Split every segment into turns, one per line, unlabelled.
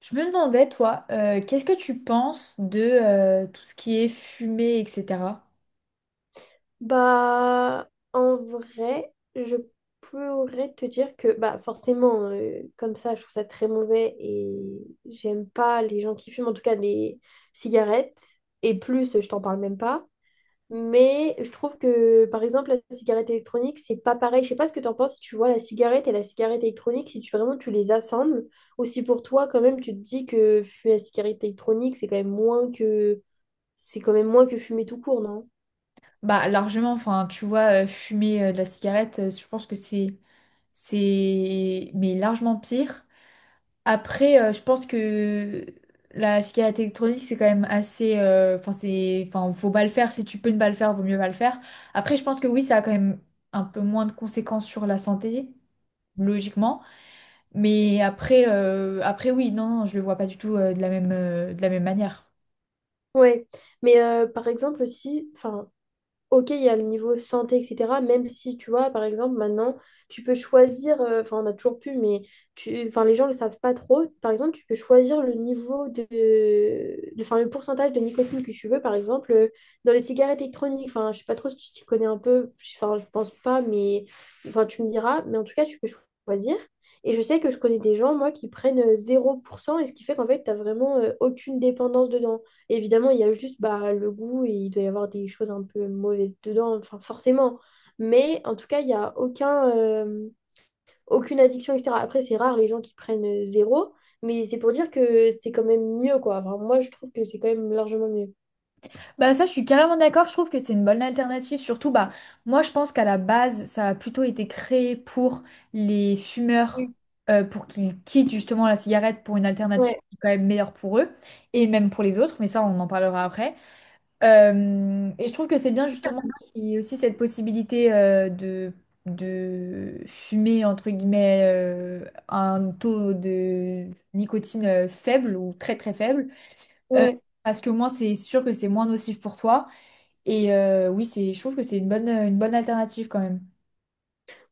Je me demandais, toi, qu'est-ce que tu penses de tout ce qui est fumée, etc.
Bah, en vrai, je pourrais te dire que, bah, forcément, comme ça, je trouve ça très mauvais et j'aime pas les gens qui fument, en tout cas des cigarettes. Et plus, je t'en parle même pas. Mais je trouve que, par exemple, la cigarette électronique, c'est pas pareil. Je sais pas ce que t'en penses si tu vois la cigarette et la cigarette électronique, si tu vraiment tu les assembles. Aussi pour toi, quand même, tu te dis que fumer la cigarette électronique, c'est quand même moins que fumer tout court, non?
Bah, largement, enfin, tu vois, fumer de la cigarette, je pense que c'est, mais largement pire. Après, je pense que la cigarette électronique, c'est quand même assez, enfin, c'est, enfin, faut pas le faire. Si tu peux ne pas le faire, vaut mieux pas le faire. Après, je pense que oui, ça a quand même un peu moins de conséquences sur la santé, logiquement. Mais après, après oui, non, non, je le vois pas du tout de la même manière.
Ouais, mais par exemple si, enfin, ok, il y a le niveau santé, etc. Même si, tu vois, par exemple, maintenant, tu peux choisir, enfin, on a toujours pu, mais tu, enfin, les gens ne le savent pas trop. Par exemple, tu peux choisir le niveau enfin, le pourcentage de nicotine que tu veux, par exemple, dans les cigarettes électroniques. Enfin, je sais pas trop si tu t'y connais un peu, enfin, je pense pas, mais, enfin, tu me diras, mais en tout cas, tu peux choisir. Et je sais que je connais des gens, moi, qui prennent 0%, et ce qui fait qu'en fait, tu n'as vraiment aucune dépendance dedans. Évidemment, il y a juste bah, le goût et il doit y avoir des choses un peu mauvaises dedans, enfin forcément. Mais en tout cas, il n'y a aucun, aucune addiction, etc. Après, c'est rare les gens qui prennent zéro, mais c'est pour dire que c'est quand même mieux, quoi. Enfin, moi, je trouve que c'est quand même largement mieux.
Bah ça, je suis carrément d'accord, je trouve que c'est une bonne alternative. Surtout, bah, moi, je pense qu'à la base, ça a plutôt été créé pour les fumeurs,
Oui.
pour qu'ils quittent justement la cigarette pour une alternative
Ouais,
qui est quand même meilleure pour eux, et même pour les autres, mais ça, on en parlera après. Et je trouve que c'est bien justement qu'il y ait aussi cette possibilité de fumer, entre guillemets, un taux de nicotine faible ou très très faible. Euh,
ouais.
parce qu'au moins c'est sûr que c'est moins nocif pour toi. Et oui, c'est, je trouve que c'est une bonne alternative quand même.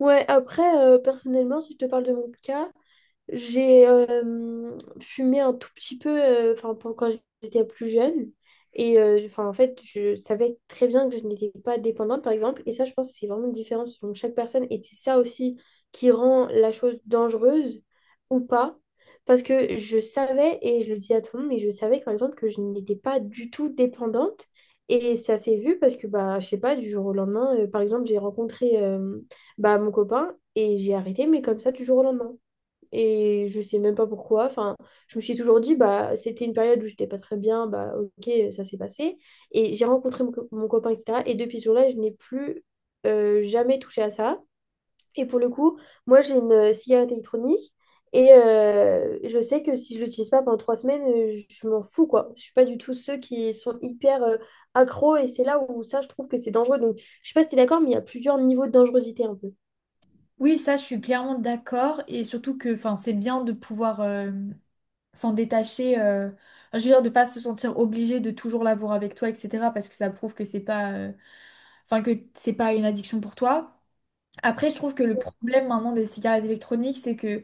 Ouais, après, personnellement, si je te parle de mon cas, j'ai fumé un tout petit peu enfin, quand j'étais plus jeune. Et enfin, en fait, je savais très bien que je n'étais pas dépendante, par exemple. Et ça, je pense que c'est vraiment différent selon chaque personne. Et c'est ça aussi qui rend la chose dangereuse ou pas. Parce que je savais, et je le dis à tout le monde, mais je savais, par exemple, que je n'étais pas du tout dépendante. Et ça s'est vu parce que, bah, je sais pas, du jour au lendemain, par exemple, j'ai rencontré bah, mon copain et j'ai arrêté, mais comme ça, du jour au lendemain. Et je sais même pas pourquoi. Enfin, je me suis toujours dit, bah, c'était une période où j'étais pas très bien, bah, ok, ça s'est passé. Et j'ai rencontré mon copain, etc. Et depuis ce jour-là, je n'ai plus jamais touché à ça. Et pour le coup, moi, j'ai une cigarette électronique. Et je sais que si je l'utilise pas pendant 3 semaines, je m'en fous, quoi. Je suis pas du tout ceux qui sont hyper accros. Et c'est là où ça, je trouve que c'est dangereux. Donc, je sais pas si t'es d'accord, mais il y a plusieurs niveaux de dangerosité un peu.
Oui, ça, je suis clairement d'accord. Et surtout que enfin, c'est bien de pouvoir s'en détacher. Je veux dire, de pas se sentir obligé de toujours l'avoir avec toi, etc. Parce que ça prouve que c'est pas… enfin que c'est pas une addiction pour toi. Après, je trouve que le problème maintenant des cigarettes électroniques, c'est que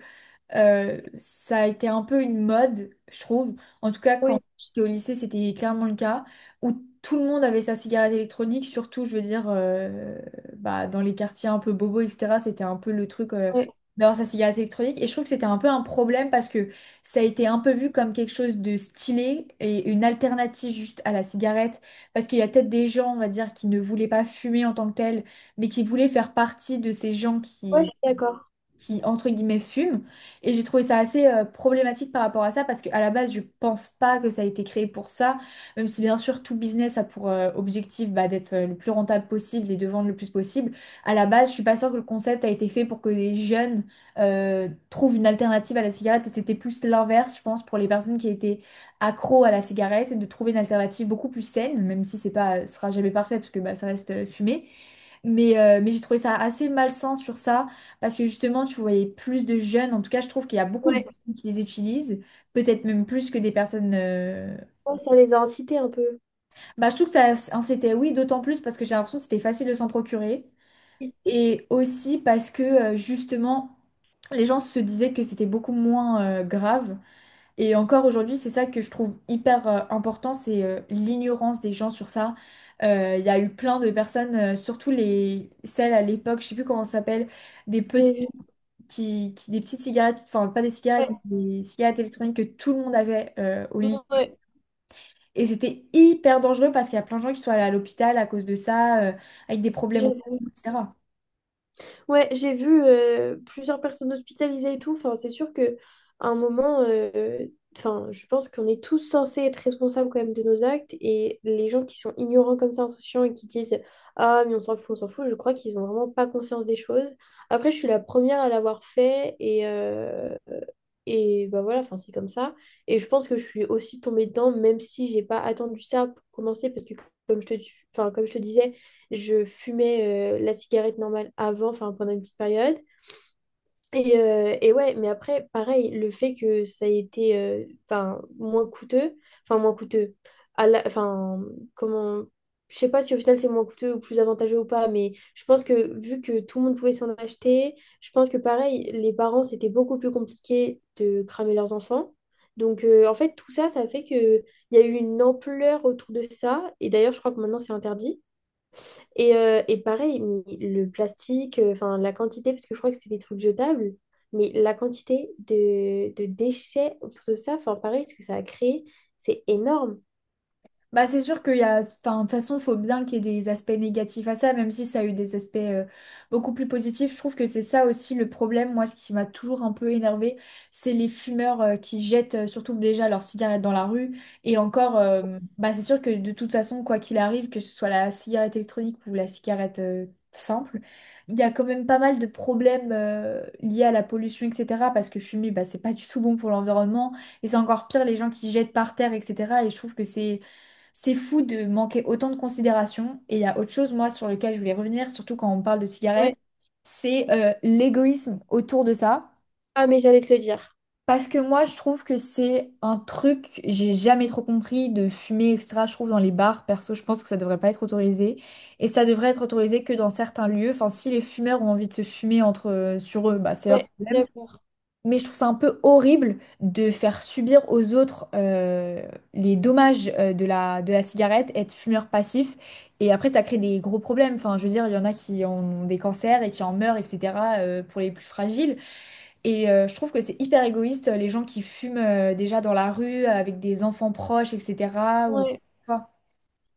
ça a été un peu une mode, je trouve. En tout cas,
Oui,
quand j'étais au lycée, c'était clairement le cas, où tout le monde avait sa cigarette électronique, surtout, je veux dire, bah, dans les quartiers un peu bobos, etc. C'était un peu le truc
ouais,
d'avoir sa cigarette électronique. Et je trouve que c'était un peu un problème parce que ça a été un peu vu comme quelque chose de stylé et une alternative juste à la cigarette. Parce qu'il y a peut-être des gens, on va dire, qui ne voulaient pas fumer en tant que tel, mais qui voulaient faire partie de ces gens
ouais, je
qui
suis d'accord.
qui, entre guillemets, fument. Et j'ai trouvé ça assez problématique par rapport à ça, parce qu'à la base, je pense pas que ça a été créé pour ça, même si bien sûr, tout business a pour objectif bah, d'être le plus rentable possible et de vendre le plus possible. À la base, je suis pas sûre que le concept a été fait pour que des jeunes trouvent une alternative à la cigarette, et c'était plus l'inverse, je pense, pour les personnes qui étaient accros à la cigarette, de trouver une alternative beaucoup plus saine, même si c'est pas, ce sera jamais parfait, parce que bah, ça reste fumé. Mais j'ai trouvé ça assez malsain sur ça. Parce que justement, tu voyais plus de jeunes, en tout cas, je trouve qu'il y a beaucoup de jeunes qui les utilisent, peut-être même plus que des personnes…
Ouais, ça les a incités un peu.
bah, je trouve que ça, c'était oui, d'autant plus parce que j'ai l'impression que c'était facile de s'en procurer. Et aussi parce que, justement, les gens se disaient que c'était beaucoup moins grave. Et encore aujourd'hui, c'est ça que je trouve hyper important, c'est l'ignorance des gens sur ça. Il y a eu plein de personnes, surtout les… celles à l'époque, je sais plus comment ça s'appelle, des petits
J'ai vu.
des petites cigarettes, enfin pas des
Ouais,
cigarettes, mais des cigarettes électroniques que tout le monde avait au lycée.
ouais.
Et c'était hyper dangereux parce qu'il y a plein de gens qui sont allés à l'hôpital à cause de ça, avec des problèmes au
J'ai
cou, etc.
Ouais, j'ai vu plusieurs personnes hospitalisées et tout. Enfin, c'est sûr que à un moment, enfin, je pense qu'on est tous censés être responsables quand même de nos actes. Et les gens qui sont ignorants comme ça, insouciants et qui disent ah, mais on s'en fout, je crois qu'ils ont vraiment pas conscience des choses. Après, je suis la première à l'avoir fait, et bah voilà, enfin, c'est comme ça. Et je pense que je suis aussi tombée dedans, même si j'ai pas attendu ça pour commencer, parce que comme je te, comme je te disais, je fumais la cigarette normale avant, enfin pendant une petite période. Et ouais, mais après, pareil, le fait que ça ait été enfin, moins coûteux, à la- enfin comment, je sais pas si au final c'est moins coûteux ou plus avantageux ou pas, mais je pense que vu que tout le monde pouvait s'en acheter, je pense que pareil, les parents, c'était beaucoup plus compliqué de cramer leurs enfants. Donc en fait, tout ça, ça fait que il y a eu une ampleur autour de ça. Et d'ailleurs, je crois que maintenant, c'est interdit. Et pareil, mais le plastique, enfin la quantité, parce que je crois que c'est des trucs jetables, mais la quantité de déchets autour de ça, enfin pareil, ce que ça a créé, c'est énorme.
Bah, c'est sûr qu'il y a, enfin, de toute façon, il faut bien qu'il y ait des aspects négatifs à ça, même si ça a eu des aspects beaucoup plus positifs. Je trouve que c'est ça aussi le problème. Moi, ce qui m'a toujours un peu énervée, c'est les fumeurs qui jettent surtout déjà leur cigarette dans la rue. Et encore, bah, c'est sûr que de toute façon, quoi qu'il arrive, que ce soit la cigarette électronique ou la cigarette simple, il y a quand même pas mal de problèmes liés à la pollution, etc. Parce que fumer, bah, c'est pas du tout bon pour l'environnement. Et c'est encore pire les gens qui jettent par terre, etc. Et je trouve que c'est fou de manquer autant de considération. Et il y a autre chose, moi, sur lequel je voulais revenir, surtout quand on parle de
Ouais.
cigarettes, c'est l'égoïsme autour de ça.
Ah, mais j'allais te le dire.
Parce que moi, je trouve que c'est un truc, j'ai jamais trop compris de fumer extra, je trouve, dans les bars. Perso, je pense que ça devrait pas être autorisé. Et ça devrait être autorisé que dans certains lieux. Enfin, si les fumeurs ont envie de se fumer entre, sur eux, bah, c'est leur
Ouais, d'accord.
mais je trouve ça un peu horrible de faire subir aux autres les dommages de la cigarette, être fumeur passif, et après ça crée des gros problèmes. Enfin, je veux dire, il y en a qui ont des cancers et qui en meurent, etc., pour les plus fragiles. Et je trouve que c'est hyper égoïste, les gens qui fument déjà dans la rue, avec des enfants proches, etc. Ou…
Ouais.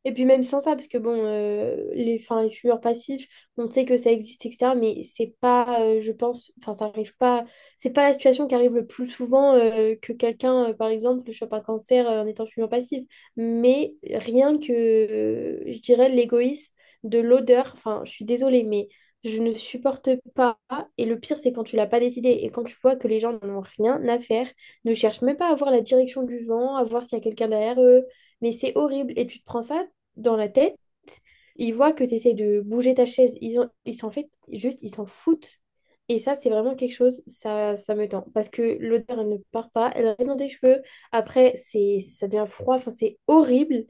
Et puis même sans ça, parce que bon, les fumeurs passifs, on sait que ça existe, etc. Mais c'est pas, je pense, enfin ça arrive pas, c'est pas la situation qui arrive le plus souvent que quelqu'un, par exemple, chope un cancer en étant fumeur passif. Mais rien que, je dirais, l'égoïsme de l'odeur, enfin je suis désolée, mais je ne supporte pas. Et le pire, c'est quand tu l'as pas décidé et quand tu vois que les gens n'en ont rien à faire, ne cherchent même pas à voir la direction du vent, à voir s'il y a quelqu'un derrière eux. Mais c'est horrible. Et tu te prends ça dans la tête, ils voient que tu essaies de bouger ta chaise. Ils ont, ils s'en fait, juste, ils s'en foutent. Et ça, c'est vraiment quelque chose, ça me tend. Parce que l'odeur, elle ne part pas, elle reste dans tes cheveux. Après, c'est, ça devient froid, enfin, c'est horrible.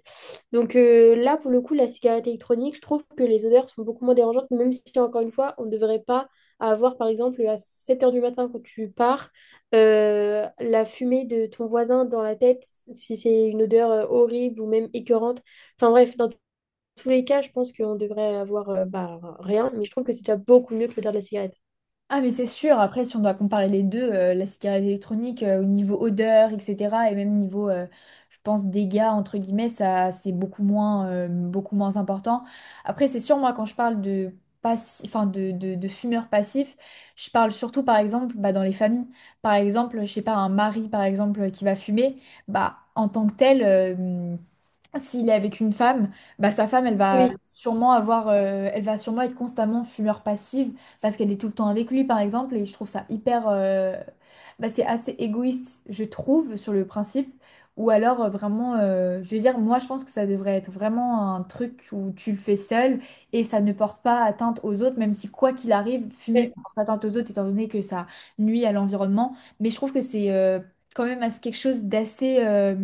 Donc là, pour le coup, la cigarette électronique, je trouve que les odeurs sont beaucoup moins dérangeantes, même si, encore une fois, on ne devrait pas avoir, par exemple, à 7 heures du matin quand tu pars, la fumée de ton voisin dans la tête, si c'est une odeur horrible ou même écœurante. Enfin bref, dans tous les cas, je pense qu'on devrait avoir bah, rien, mais je trouve que c'est déjà beaucoup mieux que l'odeur de la cigarette.
Ah mais c'est sûr, après si on doit comparer les deux, la cigarette électronique au niveau odeur, etc. et même niveau, je pense, dégâts, entre guillemets, ça c'est beaucoup moins important. Après c'est sûr, moi quand je parle de, de fumeurs passifs, je parle surtout par exemple bah, dans les familles. Par exemple, je sais pas, un mari par exemple qui va fumer, bah en tant que tel… s'il est avec une femme, bah, sa femme, elle va
Oui,
sûrement avoir, elle va sûrement être constamment fumeur passive parce qu'elle est tout le temps avec lui, par exemple. Et je trouve ça hyper, bah, c'est assez égoïste, je trouve, sur le principe. Ou alors je veux dire, moi, je pense que ça devrait être vraiment un truc où tu le fais seul et ça ne porte pas atteinte aux autres, même si quoi qu'il arrive, fumer, ça
ouais.
porte atteinte aux autres, étant donné que ça nuit à l'environnement. Mais je trouve que c'est quand même assez- quelque chose d'assez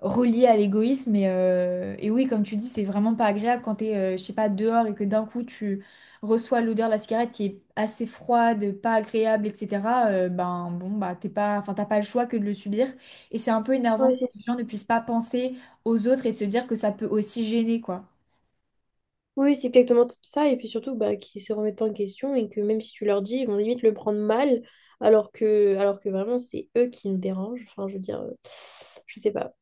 relié à l'égoïsme. Et oui, comme tu dis, c'est vraiment pas agréable quand t'es, je sais pas, dehors et que d'un coup tu reçois l'odeur de la cigarette qui est assez froide, pas agréable, etc. Ben bon, bah t'es pas, enfin t'as pas le choix que de le subir. Et c'est un peu énervant
Ouais,
que
c'est-
les gens ne puissent pas penser aux autres et de se dire que ça peut aussi gêner, quoi.
Oui, c'est exactement tout ça. Et puis surtout, bah, qu'ils se remettent pas en question et que même si tu leur dis, ils vont limite le prendre mal, alors que vraiment, c'est eux qui nous dérangent. Enfin, je veux dire, je sais pas.